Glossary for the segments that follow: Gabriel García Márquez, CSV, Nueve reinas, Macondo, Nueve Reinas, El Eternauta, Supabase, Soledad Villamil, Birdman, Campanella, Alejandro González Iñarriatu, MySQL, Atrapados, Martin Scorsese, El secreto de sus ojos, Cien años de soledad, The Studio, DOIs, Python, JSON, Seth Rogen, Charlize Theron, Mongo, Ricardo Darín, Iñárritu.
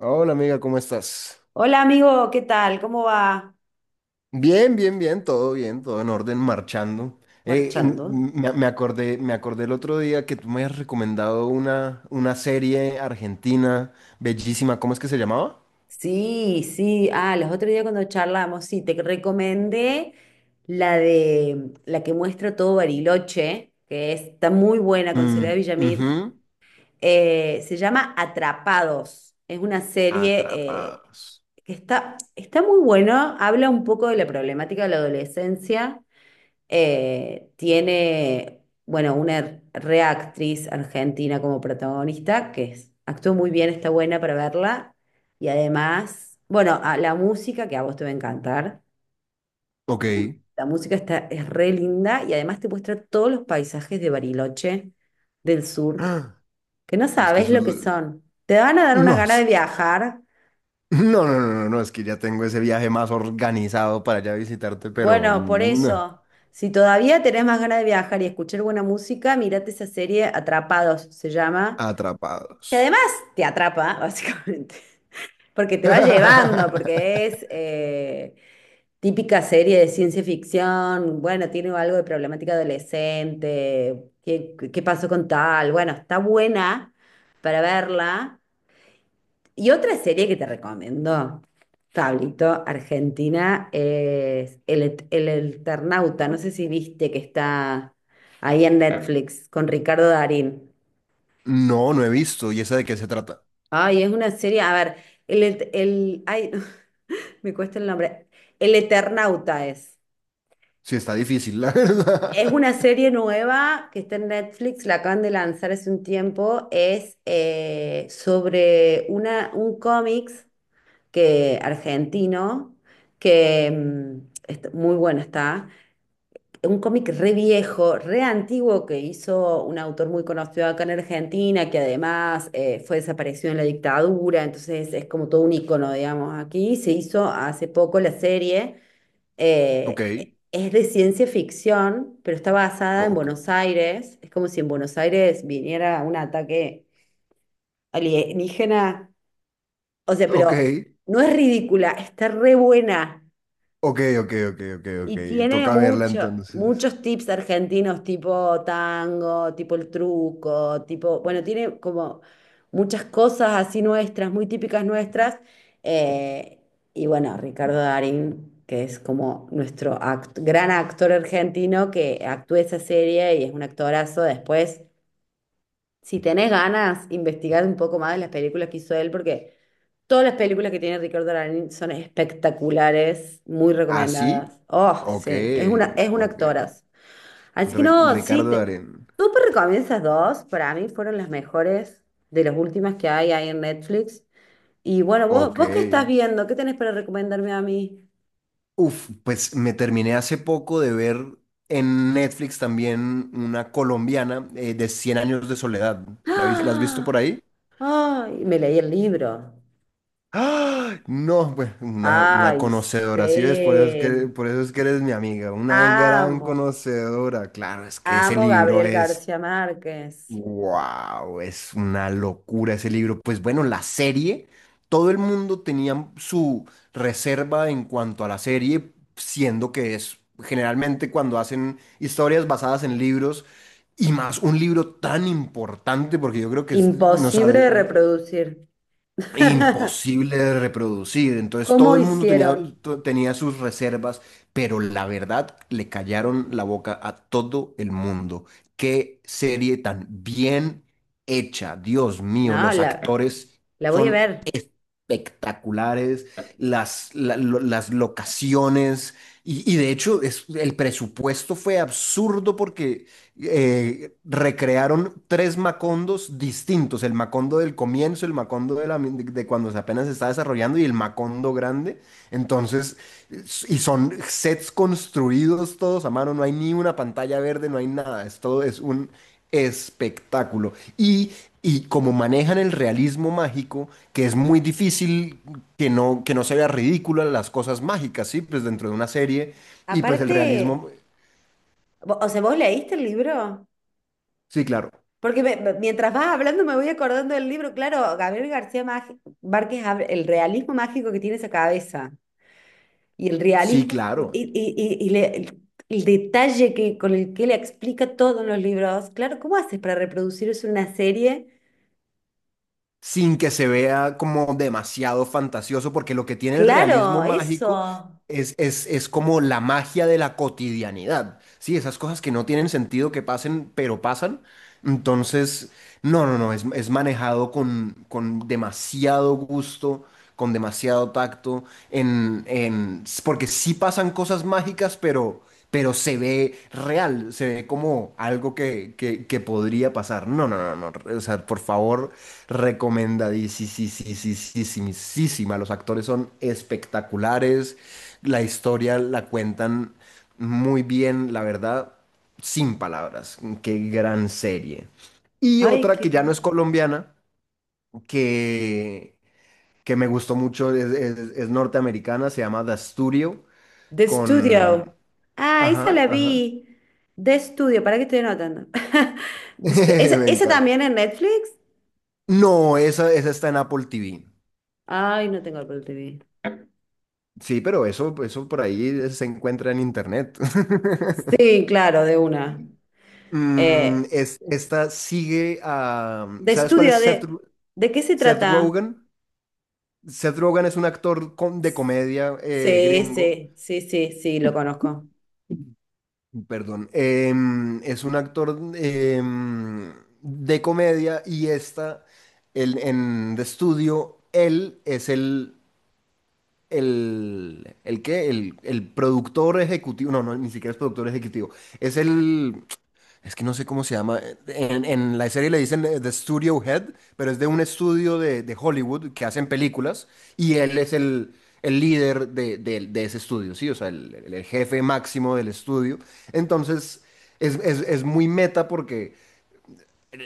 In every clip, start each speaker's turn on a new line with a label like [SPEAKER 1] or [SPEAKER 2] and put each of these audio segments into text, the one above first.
[SPEAKER 1] Hola amiga, ¿cómo estás?
[SPEAKER 2] Hola amigo, ¿qué tal? ¿Cómo va?
[SPEAKER 1] Bien, bien, bien, todo en orden, marchando. Eh, m-
[SPEAKER 2] Marchando.
[SPEAKER 1] me acordé, me acordé el otro día que tú me has recomendado una serie argentina bellísima. ¿Cómo es que se llamaba?
[SPEAKER 2] Sí, sí. Ah, los otros días cuando charlamos, sí, te recomendé la de la que muestra todo Bariloche, que está muy buena con Soledad
[SPEAKER 1] Mm,
[SPEAKER 2] Villamil.
[SPEAKER 1] ujú.
[SPEAKER 2] Se llama Atrapados. Es una serie
[SPEAKER 1] Atrapados.
[SPEAKER 2] que está muy buena, habla un poco de la problemática de la adolescencia, tiene, bueno, una reactriz argentina como protagonista, actuó muy bien, está buena para verla. Y además, bueno, la música, que a vos te va a encantar,
[SPEAKER 1] Ok.
[SPEAKER 2] la música está, es re linda y además te muestra todos los paisajes de Bariloche, del sur,
[SPEAKER 1] Ah,
[SPEAKER 2] que no
[SPEAKER 1] Es que
[SPEAKER 2] sabes
[SPEAKER 1] eso es
[SPEAKER 2] lo que
[SPEAKER 1] lo-
[SPEAKER 2] son. Te van a dar unas
[SPEAKER 1] No,
[SPEAKER 2] ganas
[SPEAKER 1] es
[SPEAKER 2] de
[SPEAKER 1] que...
[SPEAKER 2] viajar.
[SPEAKER 1] No, no, no, no, no, es que ya tengo ese viaje más organizado para allá visitarte, pero
[SPEAKER 2] Bueno, por
[SPEAKER 1] no.
[SPEAKER 2] eso. Si todavía tenés más ganas de viajar y escuchar buena música, mirate esa serie Atrapados, se llama.
[SPEAKER 1] Atrapados.
[SPEAKER 2] Te atrapa, básicamente, porque te va llevando, porque es típica serie de ciencia ficción, bueno, tiene algo de problemática adolescente, ¿qué pasó con tal? Bueno, está buena para verla. Y otra serie que te recomiendo, Pablito, Argentina, es El Eternauta, no sé si viste que está ahí en Ah, Netflix con Ricardo Darín.
[SPEAKER 1] No, no he visto. ¿Y esa de qué se trata?
[SPEAKER 2] Ay, es una serie, a ver, ay, me cuesta el nombre. El Eternauta es.
[SPEAKER 1] Sí, está difícil, la
[SPEAKER 2] Es
[SPEAKER 1] verdad.
[SPEAKER 2] una serie nueva que está en Netflix, la acaban de lanzar hace un tiempo. Es Sobre una, un cómics que, argentino que muy bueno está. Un cómic re viejo, re antiguo que hizo un autor muy conocido acá en Argentina, que además fue desaparecido en la dictadura, entonces es como todo un icono, digamos, aquí. Se hizo hace poco la serie.
[SPEAKER 1] Ok,
[SPEAKER 2] eh, es de ciencia ficción, pero está basada en
[SPEAKER 1] ok,
[SPEAKER 2] Buenos Aires. Es como si en Buenos Aires viniera un ataque alienígena. O sea,
[SPEAKER 1] ok,
[SPEAKER 2] pero no es ridícula, está re buena.
[SPEAKER 1] ok, ok, ok, ok,
[SPEAKER 2] Y
[SPEAKER 1] ok.
[SPEAKER 2] tiene
[SPEAKER 1] Toca verla entonces.
[SPEAKER 2] muchos tips argentinos, tipo tango, tipo el truco, tipo, bueno, tiene como muchas cosas así nuestras, muy típicas nuestras. eh, y bueno, Ricardo Darín, que es como nuestro gran actor argentino que actúa esa serie y es un actorazo. Después si tenés ganas, investigar un poco más de las películas que hizo él, porque todas las películas que tiene Ricardo Darín son espectaculares, muy
[SPEAKER 1] ¿Así?
[SPEAKER 2] recomendadas. Oh,
[SPEAKER 1] Ok,
[SPEAKER 2] sí, es una, es un
[SPEAKER 1] ok.
[SPEAKER 2] actoraz. Así que no, sí,
[SPEAKER 1] Ricardo
[SPEAKER 2] te,
[SPEAKER 1] Darín.
[SPEAKER 2] súper recomiendo esas dos. Para mí fueron las mejores de las últimas que hay ahí en Netflix. Y bueno, vos,
[SPEAKER 1] Ok.
[SPEAKER 2] vos qué estás viendo, ¿qué tenés para recomendarme a mí?
[SPEAKER 1] Uf, pues me terminé hace poco de ver en Netflix también una colombiana de Cien años de soledad. La has visto
[SPEAKER 2] ¡Ah!
[SPEAKER 1] por ahí?
[SPEAKER 2] ¡Ay! Me leí el libro.
[SPEAKER 1] ¡Ah! No, pues una
[SPEAKER 2] ¡Ay,
[SPEAKER 1] conocedora, ¿sí ves? Por eso es que,
[SPEAKER 2] sí!
[SPEAKER 1] por eso es que eres mi amiga, una gran
[SPEAKER 2] Amo.
[SPEAKER 1] conocedora. Claro, es que ese
[SPEAKER 2] Amo
[SPEAKER 1] libro
[SPEAKER 2] Gabriel
[SPEAKER 1] es,
[SPEAKER 2] García Márquez.
[SPEAKER 1] wow, es una locura ese libro. Pues bueno, la serie, todo el mundo tenía su reserva en cuanto a la serie, siendo que es generalmente cuando hacen historias basadas en libros. Y más un libro tan importante, porque yo creo que
[SPEAKER 2] Imposible de reproducir.
[SPEAKER 1] imposible de reproducir. Entonces todo
[SPEAKER 2] ¿Cómo
[SPEAKER 1] el mundo tenía,
[SPEAKER 2] hicieron?
[SPEAKER 1] tenía sus reservas, pero la verdad le callaron la boca a todo el mundo. Qué serie tan bien hecha, Dios mío,
[SPEAKER 2] No,
[SPEAKER 1] los actores
[SPEAKER 2] la voy a
[SPEAKER 1] son
[SPEAKER 2] ver.
[SPEAKER 1] espectaculares, las locaciones y de hecho es, el presupuesto fue absurdo porque recrearon tres Macondos distintos, el Macondo del comienzo, el Macondo de, la, de cuando se apenas se está desarrollando y el Macondo grande. Entonces, y son sets construidos todos a mano, no hay ni una pantalla verde, no hay nada, es todo es un espectáculo. Y como manejan el realismo mágico, que es muy difícil que no se vea ridícula las cosas mágicas, ¿sí? Pues dentro de una serie, y pues el
[SPEAKER 2] Aparte,
[SPEAKER 1] realismo,
[SPEAKER 2] o sea, ¿vos leíste el libro?
[SPEAKER 1] sí, claro.
[SPEAKER 2] Porque mientras vas hablando me voy acordando del libro. Claro, Gabriel Márquez, el realismo mágico que tiene esa cabeza y el
[SPEAKER 1] Sí,
[SPEAKER 2] realismo y,
[SPEAKER 1] claro.
[SPEAKER 2] y- y- y le- el detalle que, con el que le explica todo en los libros. Claro, ¿cómo haces para reproducir eso en una serie?
[SPEAKER 1] Sin que se vea como demasiado fantasioso, porque lo que tiene el
[SPEAKER 2] Claro,
[SPEAKER 1] realismo
[SPEAKER 2] eso.
[SPEAKER 1] mágico es como la magia de la cotidianidad, ¿sí? Esas cosas que no tienen sentido que pasen, pero pasan. Entonces, no, no, no, es manejado con demasiado gusto, con demasiado tacto, en, porque sí pasan cosas mágicas, pero se ve real, se ve como algo que podría pasar. No, no, no, no, o sea, por favor, recomendadísima. Los actores son espectaculares. La historia la cuentan muy bien, la verdad, sin palabras. Qué gran serie. Y
[SPEAKER 2] Ay,
[SPEAKER 1] otra
[SPEAKER 2] qué
[SPEAKER 1] que ya no es
[SPEAKER 2] bien.
[SPEAKER 1] colombiana, que, que me gustó mucho, es, es norteamericana, se llama The Studio,
[SPEAKER 2] The
[SPEAKER 1] con...
[SPEAKER 2] Studio. Ah, esa
[SPEAKER 1] Ajá,
[SPEAKER 2] la
[SPEAKER 1] ajá.
[SPEAKER 2] vi. De estudio, ¿para qué estoy anotando? ¿Esa,
[SPEAKER 1] Me
[SPEAKER 2] esa
[SPEAKER 1] encanta.
[SPEAKER 2] también en Netflix?
[SPEAKER 1] No, esa está en Apple TV.
[SPEAKER 2] Ay, no tengo Apple TV.
[SPEAKER 1] Sí, pero eso por ahí se encuentra en internet.
[SPEAKER 2] Sí, claro, de una.
[SPEAKER 1] Mm,
[SPEAKER 2] Eh,
[SPEAKER 1] es, esta sigue a...
[SPEAKER 2] De
[SPEAKER 1] ¿Sabes cuál es
[SPEAKER 2] estudio,
[SPEAKER 1] Seth,
[SPEAKER 2] ¿de qué se
[SPEAKER 1] Seth
[SPEAKER 2] trata?
[SPEAKER 1] Rogen? Seth Rogen es un actor de comedia
[SPEAKER 2] Sí,
[SPEAKER 1] gringo,
[SPEAKER 2] sí, sí, sí, sí, lo conozco.
[SPEAKER 1] perdón, es un actor de comedia y está en The Studio, él es el, ¿qué? El productor ejecutivo, no, no, ni siquiera es productor ejecutivo, es el, es que no sé cómo se llama. En la serie le dicen The Studio Head, pero es de un estudio de Hollywood que hacen películas y él es el líder de, de ese estudio, ¿sí? O sea, el, el jefe máximo del estudio. Entonces, es, es muy meta porque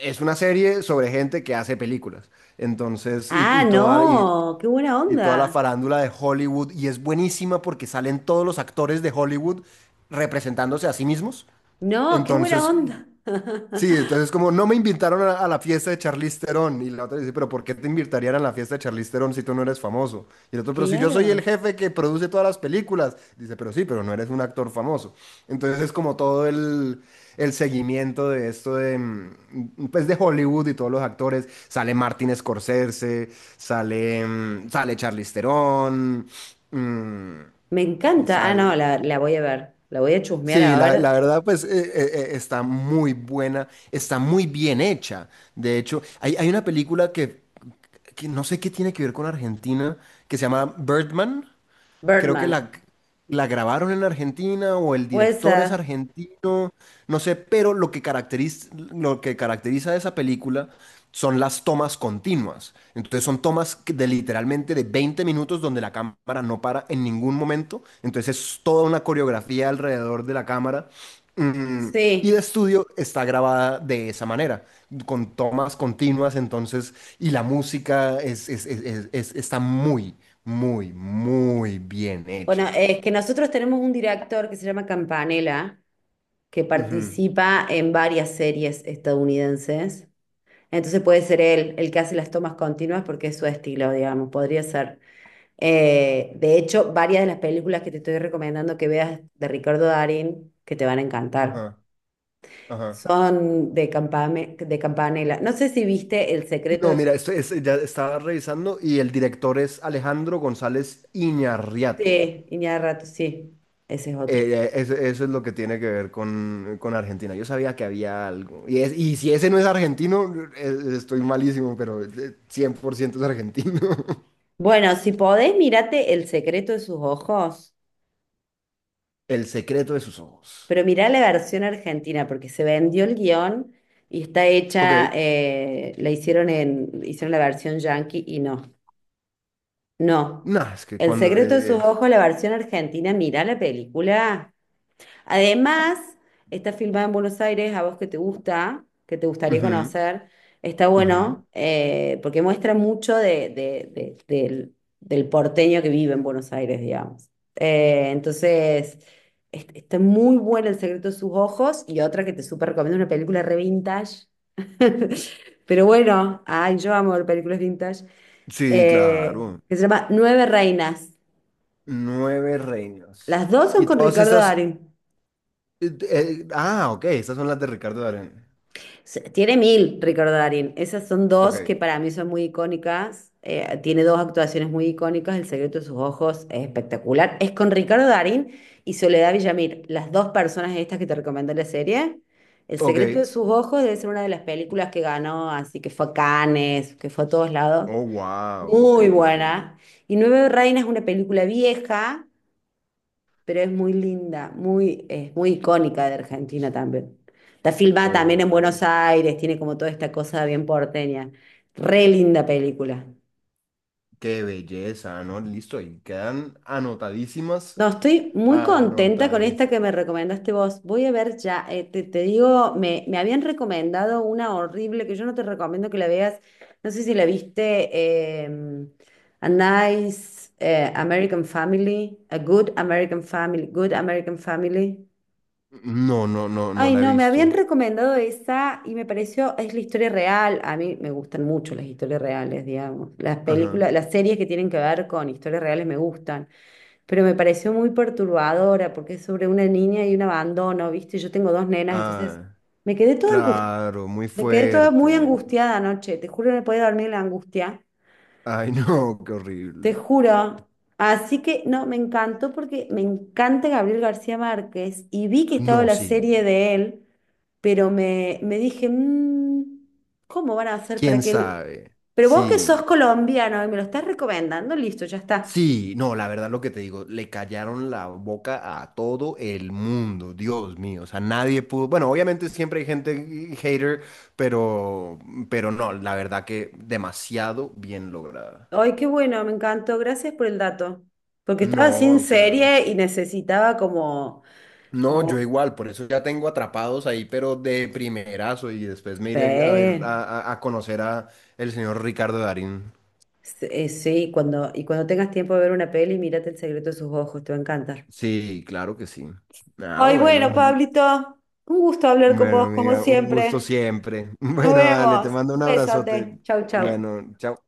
[SPEAKER 1] es una serie sobre gente que hace películas. Entonces,
[SPEAKER 2] Ah, no, qué buena
[SPEAKER 1] y toda la
[SPEAKER 2] onda.
[SPEAKER 1] farándula de Hollywood. Y es buenísima porque salen todos los actores de Hollywood representándose a sí mismos.
[SPEAKER 2] No, qué buena
[SPEAKER 1] Entonces,
[SPEAKER 2] onda.
[SPEAKER 1] sí, entonces como no me invitaron a la fiesta de Charlize Theron y la otra dice, pero ¿por qué te invitarían a la fiesta de Charlize Theron si tú no eres famoso? Y el otro, pero si yo soy el
[SPEAKER 2] Claro.
[SPEAKER 1] jefe que produce todas las películas, dice, pero sí, pero no eres un actor famoso. Entonces es como todo el seguimiento de esto de, mm, pues de Hollywood y todos los actores. Sale Martin Scorsese, sale, mm, sale Charlize Theron, mm,
[SPEAKER 2] Me encanta. Ah, no,
[SPEAKER 1] sal-
[SPEAKER 2] la voy a ver. La voy a chusmear
[SPEAKER 1] sí,
[SPEAKER 2] a
[SPEAKER 1] la
[SPEAKER 2] ver.
[SPEAKER 1] verdad, pues está muy buena, está muy bien hecha. De hecho, hay una película que no sé qué tiene que ver con Argentina, que se llama Birdman. Creo que
[SPEAKER 2] Birdman.
[SPEAKER 1] la grabaron en Argentina o el
[SPEAKER 2] Puede
[SPEAKER 1] director es
[SPEAKER 2] ser.
[SPEAKER 1] argentino, no sé, pero lo que caracteriza a esa película son las tomas continuas. Entonces son tomas que de literalmente de 20 minutos donde la cámara no para en ningún momento. Entonces es toda una coreografía alrededor de la cámara. Mm, y de
[SPEAKER 2] Sí.
[SPEAKER 1] estudio está grabada de esa manera, con tomas continuas, entonces, y la música es, está muy, muy, muy bien
[SPEAKER 2] Bueno,
[SPEAKER 1] hecha.
[SPEAKER 2] es que nosotros tenemos un director que se llama Campanella, que
[SPEAKER 1] Ujú,
[SPEAKER 2] participa en varias series estadounidenses. Entonces puede ser él el que hace las tomas continuas porque es su estilo, digamos, podría ser. De hecho, varias de las películas que te estoy recomendando que veas de Ricardo Darín, que te van a encantar,
[SPEAKER 1] ajá, ajá.
[SPEAKER 2] son de de Campanella. No sé si viste El secreto
[SPEAKER 1] No,
[SPEAKER 2] de...
[SPEAKER 1] mira, ya estaba revisando y el director es Alejandro González Iñarriatu.
[SPEAKER 2] Sí, Iñárritu, rato, sí, ese es otro.
[SPEAKER 1] Eso, eso es lo que tiene que ver con Argentina. Yo sabía que había algo. Y, y si ese no es argentino, estoy malísimo, pero 100% es argentino.
[SPEAKER 2] Bueno, si podés, mirate El secreto de sus ojos,
[SPEAKER 1] El secreto de sus ojos.
[SPEAKER 2] pero mirá la versión argentina, porque se vendió el guión y está hecha,
[SPEAKER 1] Ok.
[SPEAKER 2] la hicieron en, hicieron la versión yankee y no, no.
[SPEAKER 1] Nah, es que
[SPEAKER 2] El
[SPEAKER 1] cuando
[SPEAKER 2] secreto de sus
[SPEAKER 1] es...
[SPEAKER 2] ojos, la versión argentina, mirá la película. Además, está filmada en Buenos Aires, a vos que te gusta, que te gustaría
[SPEAKER 1] Ujú,
[SPEAKER 2] conocer, está
[SPEAKER 1] ujú.
[SPEAKER 2] bueno porque muestra mucho de, del, del porteño que vive en Buenos Aires, digamos. Entonces, está muy buena El secreto de sus ojos y otra que te súper recomiendo, una película re vintage. Pero bueno, ay, yo amo ver películas vintage,
[SPEAKER 1] Sí, claro.
[SPEAKER 2] que se llama Nueve Reinas.
[SPEAKER 1] Nueve reinas.
[SPEAKER 2] Las dos son
[SPEAKER 1] Y
[SPEAKER 2] con
[SPEAKER 1] todas
[SPEAKER 2] Ricardo
[SPEAKER 1] estas...
[SPEAKER 2] Darín.
[SPEAKER 1] ah, ok. Estas son las de Ricardo Darín.
[SPEAKER 2] Tiene mil, Ricardo Darín. Esas son dos que
[SPEAKER 1] Ok.
[SPEAKER 2] para mí son muy icónicas. Tiene dos actuaciones muy icónicas. El secreto de sus ojos es espectacular. Es con Ricardo Darín y Soledad Villamil, las dos personas estas que te recomendé la serie. El
[SPEAKER 1] Ok.
[SPEAKER 2] secreto de sus ojos debe ser una de las películas que ganó, así que fue a Cannes, que fue a todos lados.
[SPEAKER 1] Oh, wow. Ok,
[SPEAKER 2] Muy
[SPEAKER 1] ok.
[SPEAKER 2] buena. Y Nueve Reinas es una película vieja pero es muy linda, muy, es muy icónica de Argentina también. Está filmada también en
[SPEAKER 1] Ok.
[SPEAKER 2] Buenos Aires, tiene como toda esta cosa bien porteña. Re linda película.
[SPEAKER 1] Qué belleza, ¿no? Listo. Y quedan anotadísimas.
[SPEAKER 2] No, estoy muy contenta con esta
[SPEAKER 1] Anotadísimas.
[SPEAKER 2] que me recomendaste vos. Voy a ver ya, te digo, me habían recomendado una horrible que yo no te recomiendo que la veas. No sé si la viste, eh, A Nice American Family, A Good American Family, Good American Family.
[SPEAKER 1] No, no, no, no
[SPEAKER 2] Ay,
[SPEAKER 1] la he
[SPEAKER 2] no, me
[SPEAKER 1] visto.
[SPEAKER 2] habían recomendado esa y me pareció, es la historia real. A mí me gustan mucho las historias reales, digamos. Las
[SPEAKER 1] Ajá.
[SPEAKER 2] películas, las series que tienen que ver con historias reales me gustan, pero me pareció muy perturbadora porque es sobre una niña y un abandono, ¿viste? Yo tengo dos nenas, entonces
[SPEAKER 1] Ah,
[SPEAKER 2] me quedé toda angustiada,
[SPEAKER 1] claro. Muy
[SPEAKER 2] me quedé toda muy
[SPEAKER 1] fuerte.
[SPEAKER 2] angustiada anoche, te juro, no podía dormir la angustia.
[SPEAKER 1] Ay, no, qué
[SPEAKER 2] Te
[SPEAKER 1] horrible.
[SPEAKER 2] juro. Así que no, me encantó porque me encanta Gabriel García Márquez y vi que estaba
[SPEAKER 1] No,
[SPEAKER 2] la
[SPEAKER 1] sí,
[SPEAKER 2] serie de él, pero me dije, "Mm, ¿cómo van a hacer para
[SPEAKER 1] quién
[SPEAKER 2] que él...".
[SPEAKER 1] sabe.
[SPEAKER 2] Pero vos que sos
[SPEAKER 1] Sí,
[SPEAKER 2] colombiano y me lo estás recomendando, listo, ya está.
[SPEAKER 1] sí, no, la verdad lo que te digo, le callaron la boca a todo el mundo, Dios mío, o sea, nadie pudo, bueno, obviamente siempre hay gente hater, pero, pero no, la verdad que demasiado bien lograda.
[SPEAKER 2] Ay, qué bueno, me encantó, gracias por el dato. Porque estaba sin
[SPEAKER 1] No, claro.
[SPEAKER 2] serie y necesitaba
[SPEAKER 1] No,
[SPEAKER 2] como,
[SPEAKER 1] yo igual, por eso ya tengo atrapados ahí, pero de primerazo y después me iré a ver,
[SPEAKER 2] sí,
[SPEAKER 1] a conocer a el señor Ricardo Darín.
[SPEAKER 2] sí, sí, cuando, y cuando tengas tiempo de ver una peli, mírate El secreto de sus ojos, te va a encantar.
[SPEAKER 1] Sí, claro que sí. Ah,
[SPEAKER 2] Ay, bueno,
[SPEAKER 1] bueno.
[SPEAKER 2] Pablito, un gusto hablar con
[SPEAKER 1] Bueno,
[SPEAKER 2] vos como
[SPEAKER 1] amiga, un gusto
[SPEAKER 2] siempre.
[SPEAKER 1] siempre.
[SPEAKER 2] Nos
[SPEAKER 1] Bueno, dale, te
[SPEAKER 2] vemos.
[SPEAKER 1] mando
[SPEAKER 2] Un
[SPEAKER 1] un abrazote.
[SPEAKER 2] besote. Chau, chau.
[SPEAKER 1] Bueno, chao.